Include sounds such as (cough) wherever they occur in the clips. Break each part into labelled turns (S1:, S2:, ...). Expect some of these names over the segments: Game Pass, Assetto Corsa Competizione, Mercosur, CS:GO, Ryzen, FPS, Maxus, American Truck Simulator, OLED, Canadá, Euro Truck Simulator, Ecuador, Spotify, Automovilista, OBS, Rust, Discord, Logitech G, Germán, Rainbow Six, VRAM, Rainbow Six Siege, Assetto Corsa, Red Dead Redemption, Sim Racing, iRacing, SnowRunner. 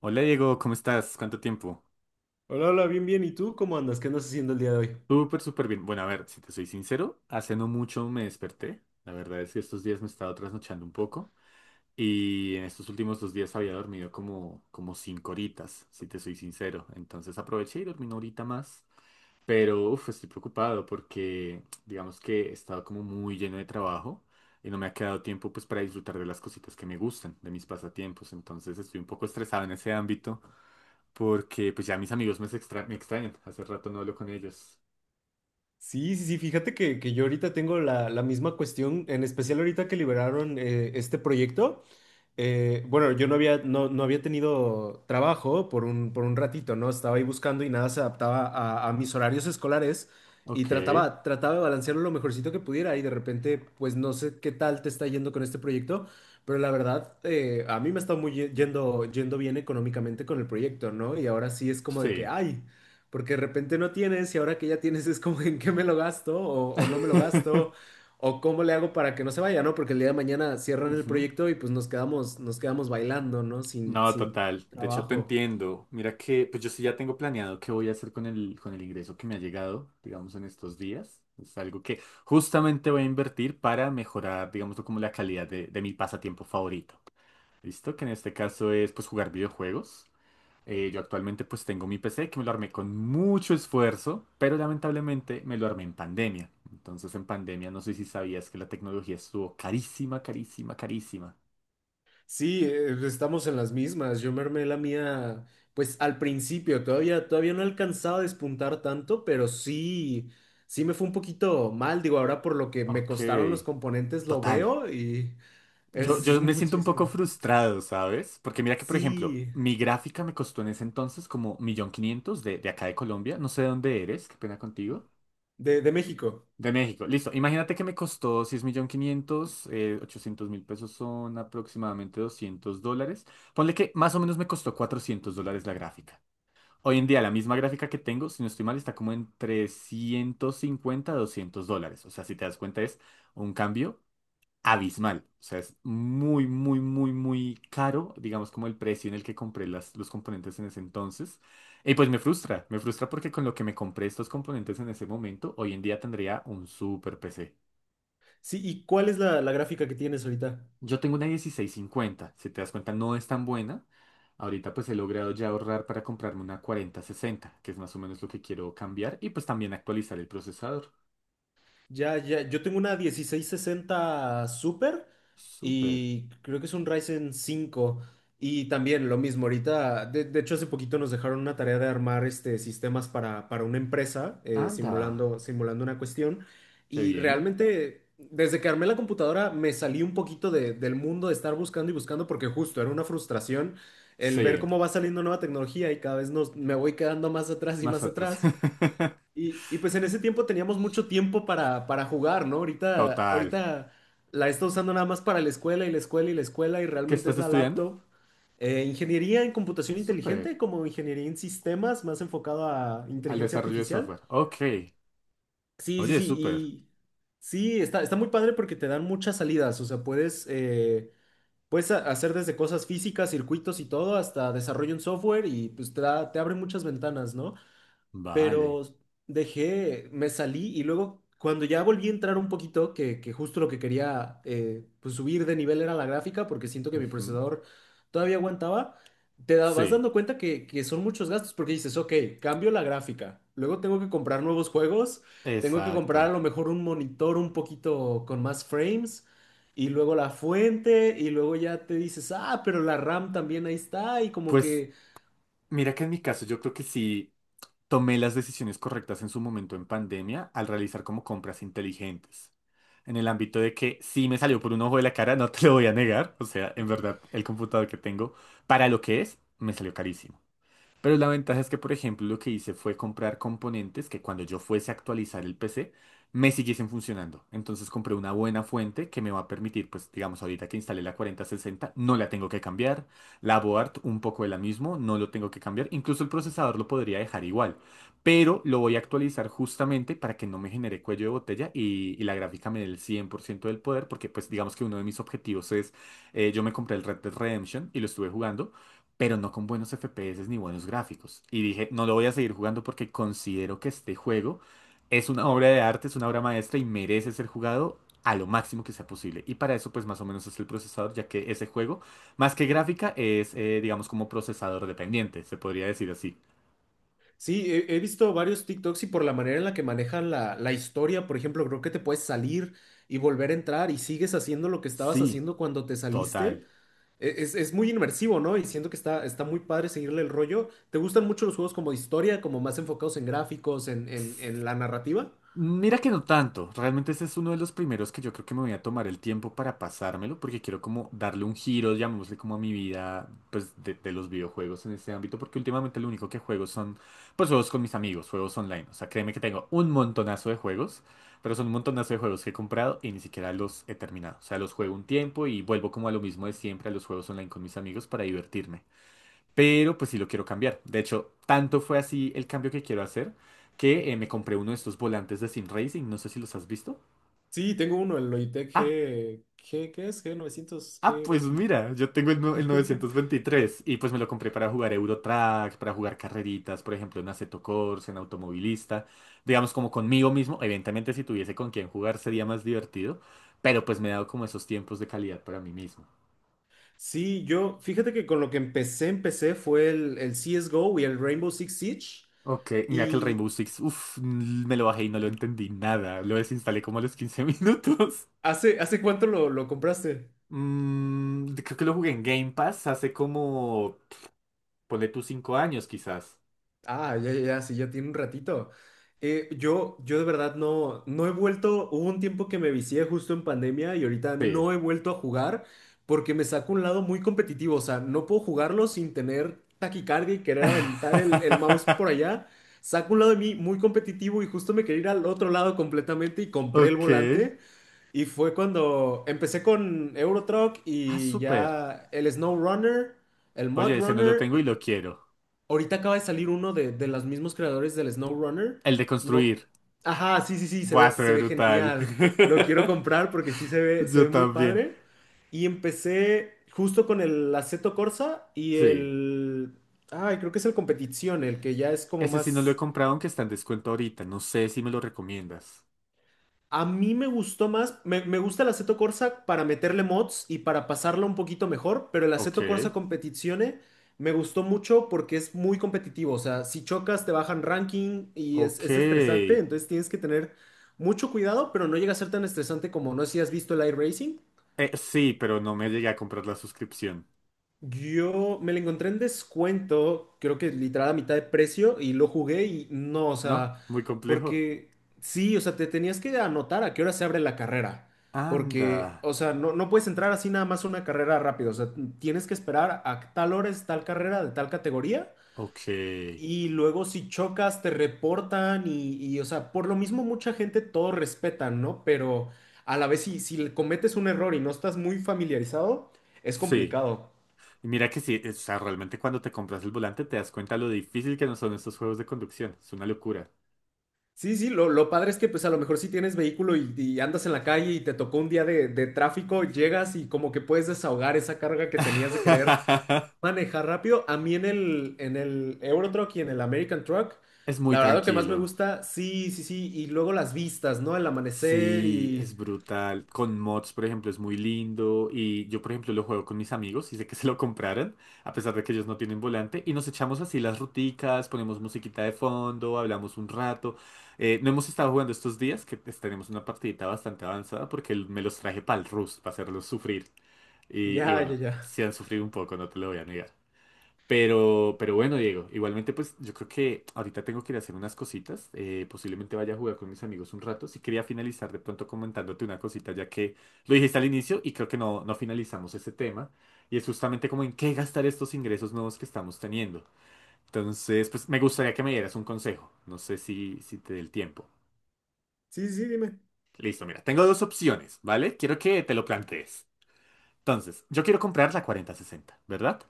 S1: Hola Diego, ¿cómo estás? ¿Cuánto tiempo?
S2: Hola, hola, bien, bien. ¿Y tú cómo andas? ¿Qué andas haciendo el día de hoy?
S1: Súper, súper bien. Bueno, a ver, si te soy sincero, hace no mucho me desperté. La verdad es que estos días me he estado trasnochando un poco y en estos últimos 2 días había dormido como 5 horitas, si te soy sincero. Entonces aproveché y dormí una horita más. Pero uf, estoy preocupado porque digamos que he estado como muy lleno de trabajo y no me ha quedado tiempo pues para disfrutar de las cositas que me gustan, de mis pasatiempos. Entonces estoy un poco estresado en ese ámbito. Porque pues ya mis amigos me extrañan. Hace rato no hablo con ellos.
S2: Sí, sí, sí. Fíjate que yo ahorita tengo la misma cuestión, en especial ahorita que liberaron este proyecto. Bueno, yo no había tenido trabajo por un ratito, ¿no? Estaba ahí buscando y nada se adaptaba a mis horarios escolares y
S1: Ok,
S2: trataba de balancearlo lo mejorcito que pudiera y de repente, pues no sé qué tal te está yendo con este proyecto, pero la verdad, a mí me está muy yendo bien económicamente con el proyecto, ¿no? Y ahora sí es como de que,
S1: sí.
S2: ay. Porque de repente no tienes y ahora que ya tienes es como (laughs) en qué me lo gasto o no me lo
S1: (laughs)
S2: gasto o cómo le hago para que no se vaya, ¿no? Porque el día de mañana cierran el
S1: Ujú.
S2: proyecto y pues nos quedamos bailando, ¿no? Sin,
S1: No,
S2: sin
S1: total. De hecho, te
S2: trabajo.
S1: entiendo. Mira que pues yo sí ya tengo planeado qué voy a hacer con el ingreso que me ha llegado, digamos, en estos días. Es algo que justamente voy a invertir para mejorar, digamos, como la calidad de mi pasatiempo favorito. ¿Listo? Que en este caso es pues jugar videojuegos. Yo actualmente pues tengo mi PC que me lo armé con mucho esfuerzo, pero lamentablemente me lo armé en pandemia. Entonces en pandemia no sé si sabías que la tecnología estuvo carísima, carísima, carísima.
S2: Sí, estamos en las mismas. Yo me armé la mía, pues al principio, todavía no alcanzaba a despuntar tanto, pero sí, sí me fue un poquito mal. Digo, ahora por lo que me
S1: Ok,
S2: costaron los componentes lo
S1: total.
S2: veo y (laughs)
S1: Yo,
S2: es
S1: yo me siento un poco
S2: muchísimo.
S1: frustrado, ¿sabes? Porque mira que, por ejemplo,
S2: Sí,
S1: mi gráfica me costó en ese entonces como 1.500.000 de acá de Colombia. No sé de dónde eres, qué pena contigo.
S2: de México.
S1: De México, listo. Imagínate que me costó 6.500.000, 800 mil 800.000 pesos son aproximadamente $200. Ponle que más o menos me costó $400 la gráfica. Hoy en día la misma gráfica que tengo, si no estoy mal, está como entre 150 a $200. O sea, si te das cuenta es un cambio abismal. O sea, es muy, muy, muy, muy caro, digamos, como el precio en el que compré los componentes en ese entonces. Y pues me, frustra, me frustra porque con lo que me compré estos componentes en ese momento, hoy en día tendría un super PC.
S2: Sí, ¿y cuál es la gráfica que tienes ahorita?
S1: Yo tengo una 1650, si te das cuenta, no es tan buena. Ahorita pues he logrado ya ahorrar para comprarme una 4060, que es más o menos lo que quiero cambiar, y pues también actualizar el procesador.
S2: Ya, ya, yo tengo una 1660 Super
S1: Súper.
S2: y creo que es un Ryzen 5 y también lo mismo ahorita, de hecho hace poquito nos dejaron una tarea de armar sistemas para una empresa
S1: Anda.
S2: simulando una cuestión.
S1: Qué
S2: Y
S1: bien.
S2: realmente desde que armé la computadora me salí un poquito del mundo de estar buscando y buscando porque justo era una frustración el ver
S1: Sí,
S2: cómo va saliendo nueva tecnología y cada vez me voy quedando más atrás y
S1: más
S2: más
S1: atrás.
S2: atrás. Y pues en ese tiempo teníamos mucho tiempo para jugar, ¿no?
S1: (laughs)
S2: Ahorita,
S1: Total.
S2: ahorita la está usando nada más para la escuela y la escuela y la escuela, y
S1: ¿Qué
S2: realmente es
S1: estás
S2: la
S1: estudiando?
S2: laptop. Ingeniería en
S1: Ah,
S2: computación
S1: súper.
S2: inteligente, como ingeniería en sistemas más enfocado a
S1: Al
S2: inteligencia
S1: desarrollo de
S2: artificial.
S1: software. Ok.
S2: Sí, sí,
S1: Oye,
S2: sí.
S1: súper.
S2: Y sí, está muy padre porque te dan muchas salidas. O sea, puedes hacer desde cosas físicas, circuitos y todo, hasta desarrollo en software, y pues te abre muchas ventanas, ¿no?
S1: Vale.
S2: Pero dejé, me salí, y luego cuando ya volví a entrar un poquito, que justo lo que quería, pues subir de nivel, era la gráfica, porque siento que mi
S1: Ujú.
S2: procesador todavía aguantaba. Vas
S1: Sí,
S2: dando cuenta que son muchos gastos, porque dices, ok, cambio la gráfica, luego tengo que comprar nuevos juegos, tengo que comprar a
S1: exacto.
S2: lo mejor un monitor un poquito con más frames. Y luego la fuente, y luego ya te dices, ah, pero la RAM también ahí está, y como
S1: Pues
S2: que.
S1: mira que en mi caso yo creo que sí tomé las decisiones correctas en su momento en pandemia al realizar como compras inteligentes. En el ámbito de que sí me salió por un ojo de la cara, no te lo voy a negar. O sea, en verdad, el computador que tengo, para lo que es, me salió carísimo. Pero la ventaja es que, por ejemplo, lo que hice fue comprar componentes que cuando yo fuese a actualizar el PC, me siguiesen funcionando. Entonces compré una buena fuente que me va a permitir, pues digamos, ahorita que instalé la 4060 no la tengo que cambiar. La board, un poco de la mismo, no lo tengo que cambiar. Incluso el procesador lo podría dejar igual. Pero lo voy a actualizar justamente para que no me genere cuello de botella y la gráfica me dé el 100% del poder, porque pues digamos que uno de mis objetivos es, yo me compré el Red Dead Redemption y lo estuve jugando pero no con buenos FPS ni buenos gráficos. Y dije, no lo voy a seguir jugando porque considero que este juego es una obra de arte, es una obra maestra y merece ser jugado a lo máximo que sea posible. Y para eso, pues más o menos es el procesador, ya que ese juego, más que gráfica, es, digamos, como procesador dependiente, se podría decir así.
S2: Sí, he visto varios TikToks, y por la manera en la que manejan la historia, por ejemplo, creo que te puedes salir y volver a entrar y sigues haciendo lo que estabas
S1: Sí,
S2: haciendo cuando te saliste.
S1: total.
S2: Es muy inmersivo, ¿no? Y siento que está muy padre seguirle el rollo. ¿Te gustan mucho los juegos como de historia, como más enfocados en gráficos, en la narrativa?
S1: Mira que no tanto, realmente ese es uno de los primeros que yo creo que me voy a tomar el tiempo para pasármelo, porque quiero como darle un giro, llamémosle como a mi vida, pues de los videojuegos en este ámbito, porque últimamente lo único que juego son, pues juegos con mis amigos, juegos online, o sea, créeme que tengo un montonazo de juegos, pero son un montonazo de juegos que he comprado y ni siquiera los he terminado, o sea, los juego un tiempo y vuelvo como a lo mismo de siempre, a los juegos online con mis amigos para divertirme. Pero pues sí lo quiero cambiar. De hecho, tanto fue así el cambio que quiero hacer que me compré uno de estos volantes de Sim Racing. No sé si los has visto.
S2: Sí, tengo uno, el Logitech
S1: Ah,
S2: G, ¿qué es? G 900
S1: ah, pues
S2: G20.
S1: mira, yo tengo el, no- el
S2: (laughs)
S1: 923 y pues me lo compré para jugar Euro Truck, para jugar carreritas, por ejemplo, en Assetto Corsa, en Automovilista. Digamos como conmigo mismo. Evidentemente, si tuviese con quien jugar sería más divertido. Pero pues me he dado como esos tiempos de calidad para mí mismo.
S2: Sí, yo, fíjate que con lo que empecé fue el CSGO y el Rainbow Six Siege.
S1: Ok, mira que el
S2: Y,
S1: Rainbow Six, uff, me lo bajé y no lo entendí nada. Lo desinstalé como a los 15 (laughs) minutos.
S2: ¿Hace cuánto lo compraste?
S1: Creo que lo jugué en Game Pass hace como, ponle tus 5 años quizás.
S2: Ah, ya, ya, ya, sí, ya tiene un ratito. Yo de verdad no he vuelto. Hubo un tiempo que me vicié justo en pandemia y ahorita
S1: Sí.
S2: no he vuelto a jugar, porque me saca un lado muy competitivo, o sea, no puedo jugarlo sin tener taquicardia y querer aventar el mouse por
S1: (laughs)
S2: allá. Saca un lado de mí muy competitivo y justo me quería ir al otro lado completamente y compré el
S1: Ok.
S2: volante, y fue cuando empecé con Euro Truck
S1: Ah,
S2: y
S1: súper.
S2: ya el Snow Runner. El Mud
S1: Oye, ese no lo
S2: Runner.
S1: tengo y lo quiero.
S2: Ahorita acaba de salir uno de los mismos creadores del SnowRunner.
S1: El de
S2: No.
S1: construir.
S2: Ajá, sí, sí, sí, se
S1: Buah,
S2: ve,
S1: se
S2: se
S1: ve
S2: ve
S1: brutal.
S2: genial. Lo quiero
S1: (laughs)
S2: comprar porque sí se ve, se
S1: Yo
S2: ve muy
S1: también.
S2: padre. Y empecé justo con el Aceto Corsa y
S1: Sí.
S2: el. Ay, creo que es el Competición, el que ya es como
S1: Ese sí no lo he
S2: más.
S1: comprado, aunque está en descuento ahorita. No sé si me lo recomiendas.
S2: A mí me gustó más, me gusta el Assetto Corsa para meterle mods y para pasarla un poquito mejor, pero el
S1: Ok.
S2: Assetto Corsa Competizione me gustó mucho porque es muy competitivo, o sea, si chocas te bajan ranking, y es,
S1: Ok.
S2: es estresante,
S1: Eh,
S2: entonces tienes que tener mucho cuidado, pero no llega a ser tan estresante como, no sé si has visto el iRacing.
S1: sí, pero no me llegué a comprar la suscripción.
S2: Yo me lo encontré en descuento, creo que literal a mitad de precio, y lo jugué y no, o
S1: ¿No?
S2: sea,
S1: Muy complejo.
S2: porque sí, o sea, te tenías que anotar a qué hora se abre la carrera, porque,
S1: Anda.
S2: o sea, no puedes entrar así nada más a una carrera rápido, o sea, tienes que esperar a tal hora es tal carrera de tal categoría,
S1: Ok.
S2: y luego si chocas te reportan y, o sea, por lo mismo mucha gente todo respeta, ¿no? Pero a la vez si cometes un error y no estás muy familiarizado, es
S1: Sí.
S2: complicado.
S1: Y mira que sí, o sea, realmente cuando te compras el volante te das cuenta lo difícil que no son estos juegos de conducción. Es una locura.
S2: Sí, sí, lo padre es que pues a lo mejor si tienes vehículo y andas en la calle y te tocó un día de tráfico, llegas y como que puedes desahogar esa carga que tenías de querer
S1: (laughs)
S2: manejar rápido. A mí en el euro truck y en el American Truck,
S1: Es muy
S2: la verdad lo que más me
S1: tranquilo.
S2: gusta, sí, sí, sí, y luego las vistas, ¿no? El amanecer.
S1: Sí, es brutal. Con mods, por ejemplo, es muy lindo. Y yo, por ejemplo, lo juego con mis amigos y sé que se lo compraron, a pesar de que ellos no tienen volante. Y nos echamos así las ruticas, ponemos musiquita de fondo, hablamos un rato. No hemos estado jugando estos días, que pues, tenemos una partidita bastante avanzada, porque me los traje para el Rust, para hacerlos sufrir. Y
S2: Ya,
S1: bueno,
S2: ya, ya.
S1: sí han sufrido un poco, no te lo voy a negar. Pero bueno, Diego, igualmente pues yo creo que ahorita tengo que ir a hacer unas cositas. Posiblemente vaya a jugar con mis amigos un rato. Sí quería finalizar de pronto comentándote una cosita, ya que lo dijiste al inicio y creo que no finalizamos ese tema. Y es justamente como en qué gastar estos ingresos nuevos que estamos teniendo. Entonces, pues me gustaría que me dieras un consejo. No sé si, te dé el tiempo.
S2: Sí, sí, dime.
S1: Listo, mira, tengo dos opciones, ¿vale? Quiero que te lo plantees. Entonces, yo quiero comprar la 4060, ¿verdad?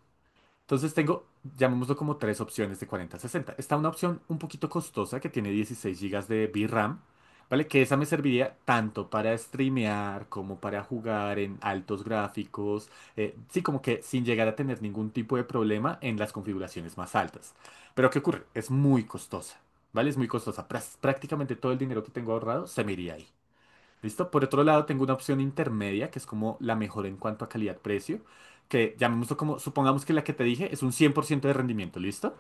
S1: Entonces tengo, llamémoslo como tres opciones de 40 a 60. Está una opción un poquito costosa que tiene 16 gigas de VRAM, ¿vale? Que esa me serviría tanto para streamear como para jugar en altos gráficos. Sí, como que sin llegar a tener ningún tipo de problema en las configuraciones más altas. Pero ¿qué ocurre? Es muy costosa, ¿vale? Es muy costosa. Prácticamente todo el dinero que tengo ahorrado se me iría ahí. ¿Listo? Por otro lado, tengo una opción intermedia, que es como la mejor en cuanto a calidad-precio, que llamémoslo como, supongamos que la que te dije es un 100% de rendimiento, ¿listo?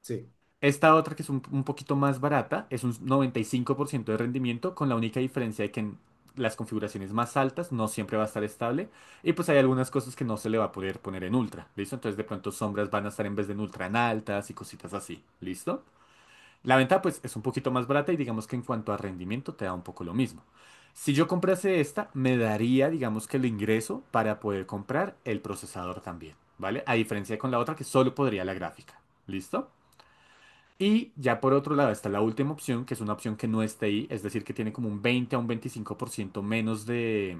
S2: Sí.
S1: Esta otra, que es un poquito más barata, es un 95% de rendimiento, con la única diferencia de que en las configuraciones más altas no siempre va a estar estable, y pues hay algunas cosas que no se le va a poder poner en ultra, ¿listo? Entonces de pronto sombras van a estar en vez de en ultra en altas y cositas así, ¿listo? La venta pues es un poquito más barata y digamos que en cuanto a rendimiento te da un poco lo mismo. Si yo comprase esta, me daría digamos que el ingreso para poder comprar el procesador también, ¿vale? A diferencia con la otra que solo podría la gráfica, ¿listo? Y ya por otro lado está la última opción, que es una opción que no está ahí, es decir, que tiene como un 20 a un 25% menos de,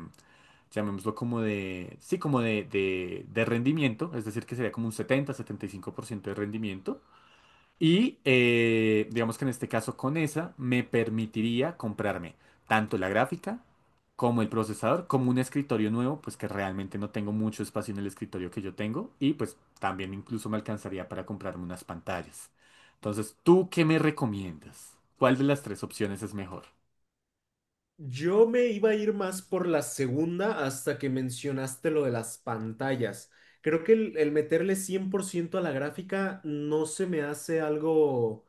S1: llamémoslo como de, sí, como de rendimiento, es decir, que sería como un 70 75% de rendimiento. Y digamos que en este caso con esa me permitiría comprarme tanto la gráfica como el procesador, como un escritorio nuevo, pues que realmente no tengo mucho espacio en el escritorio que yo tengo y pues también incluso me alcanzaría para comprarme unas pantallas. Entonces, ¿tú qué me recomiendas? ¿Cuál de las tres opciones es mejor?
S2: Yo me iba a ir más por la segunda hasta que mencionaste lo de las pantallas. Creo que el meterle 100% a la gráfica no se me hace algo,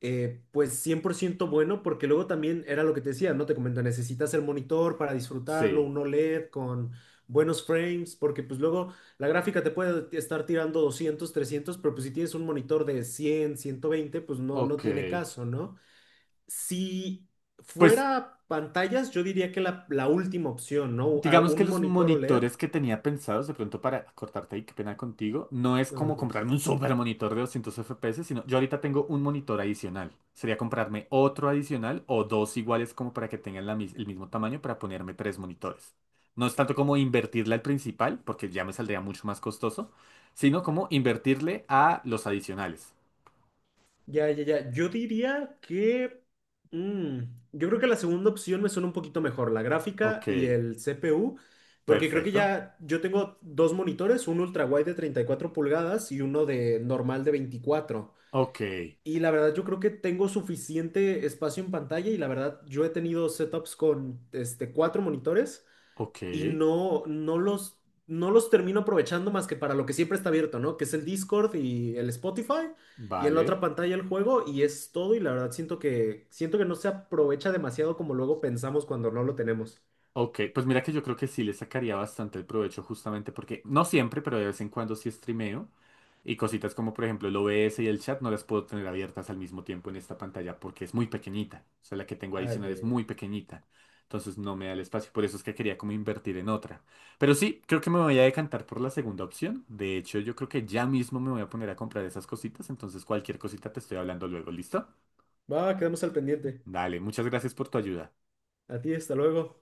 S2: pues 100% bueno, porque luego también era lo que te decía, ¿no? Te comento, necesitas el monitor para disfrutarlo,
S1: Sí,
S2: un OLED con buenos frames, porque pues luego la gráfica te puede estar tirando 200, 300, pero pues si tienes un monitor de 100, 120, pues no
S1: ok.
S2: tiene caso, ¿no? Si
S1: Pues
S2: fuera pantallas, yo diría que la última opción, ¿no?
S1: digamos que
S2: Un
S1: los
S2: monitor OLED.
S1: monitores que tenía pensados, de pronto para cortarte ahí, qué pena contigo, no es
S2: No, no te
S1: como
S2: preocupes.
S1: comprarme un super monitor de 200 FPS, sino yo ahorita tengo un monitor adicional. Sería comprarme otro adicional o dos iguales como para que tengan la el mismo tamaño para ponerme tres monitores. No es tanto como invertirle al principal, porque ya me saldría mucho más costoso, sino como invertirle a los adicionales.
S2: Ya, ya, ya. Mm, yo creo que la segunda opción me suena un poquito mejor, la gráfica
S1: Ok,
S2: y el CPU, porque creo que
S1: perfecto.
S2: ya yo tengo dos monitores, un ultrawide de 34 pulgadas y uno de normal de 24.
S1: Ok,
S2: Y la verdad yo creo que tengo suficiente espacio en pantalla, y la verdad yo he tenido setups con cuatro monitores,
S1: ok,
S2: y no los termino aprovechando más que para lo que siempre está abierto, ¿no? Que es el Discord y el Spotify, y en la
S1: vale.
S2: otra pantalla el juego, y es todo. Y la verdad siento que no se aprovecha demasiado como luego pensamos cuando no lo tenemos.
S1: Ok, pues mira que yo creo que sí le sacaría bastante el provecho justamente porque no siempre, pero de vez en cuando sí streameo y cositas como por ejemplo el OBS y el chat no las puedo tener abiertas al mismo tiempo en esta pantalla porque es muy pequeñita. O sea, la que tengo
S2: Ah,
S1: adicional
S2: ya,
S1: es
S2: ya, ya.
S1: muy pequeñita. Entonces no me da el espacio, por eso es que quería como invertir en otra. Pero sí, creo que me voy a decantar por la segunda opción. De hecho, yo creo que ya mismo me voy a poner a comprar esas cositas, entonces cualquier cosita te estoy hablando luego, ¿listo?
S2: Va, quedamos al pendiente.
S1: Dale, muchas gracias por tu ayuda.
S2: A ti, hasta luego.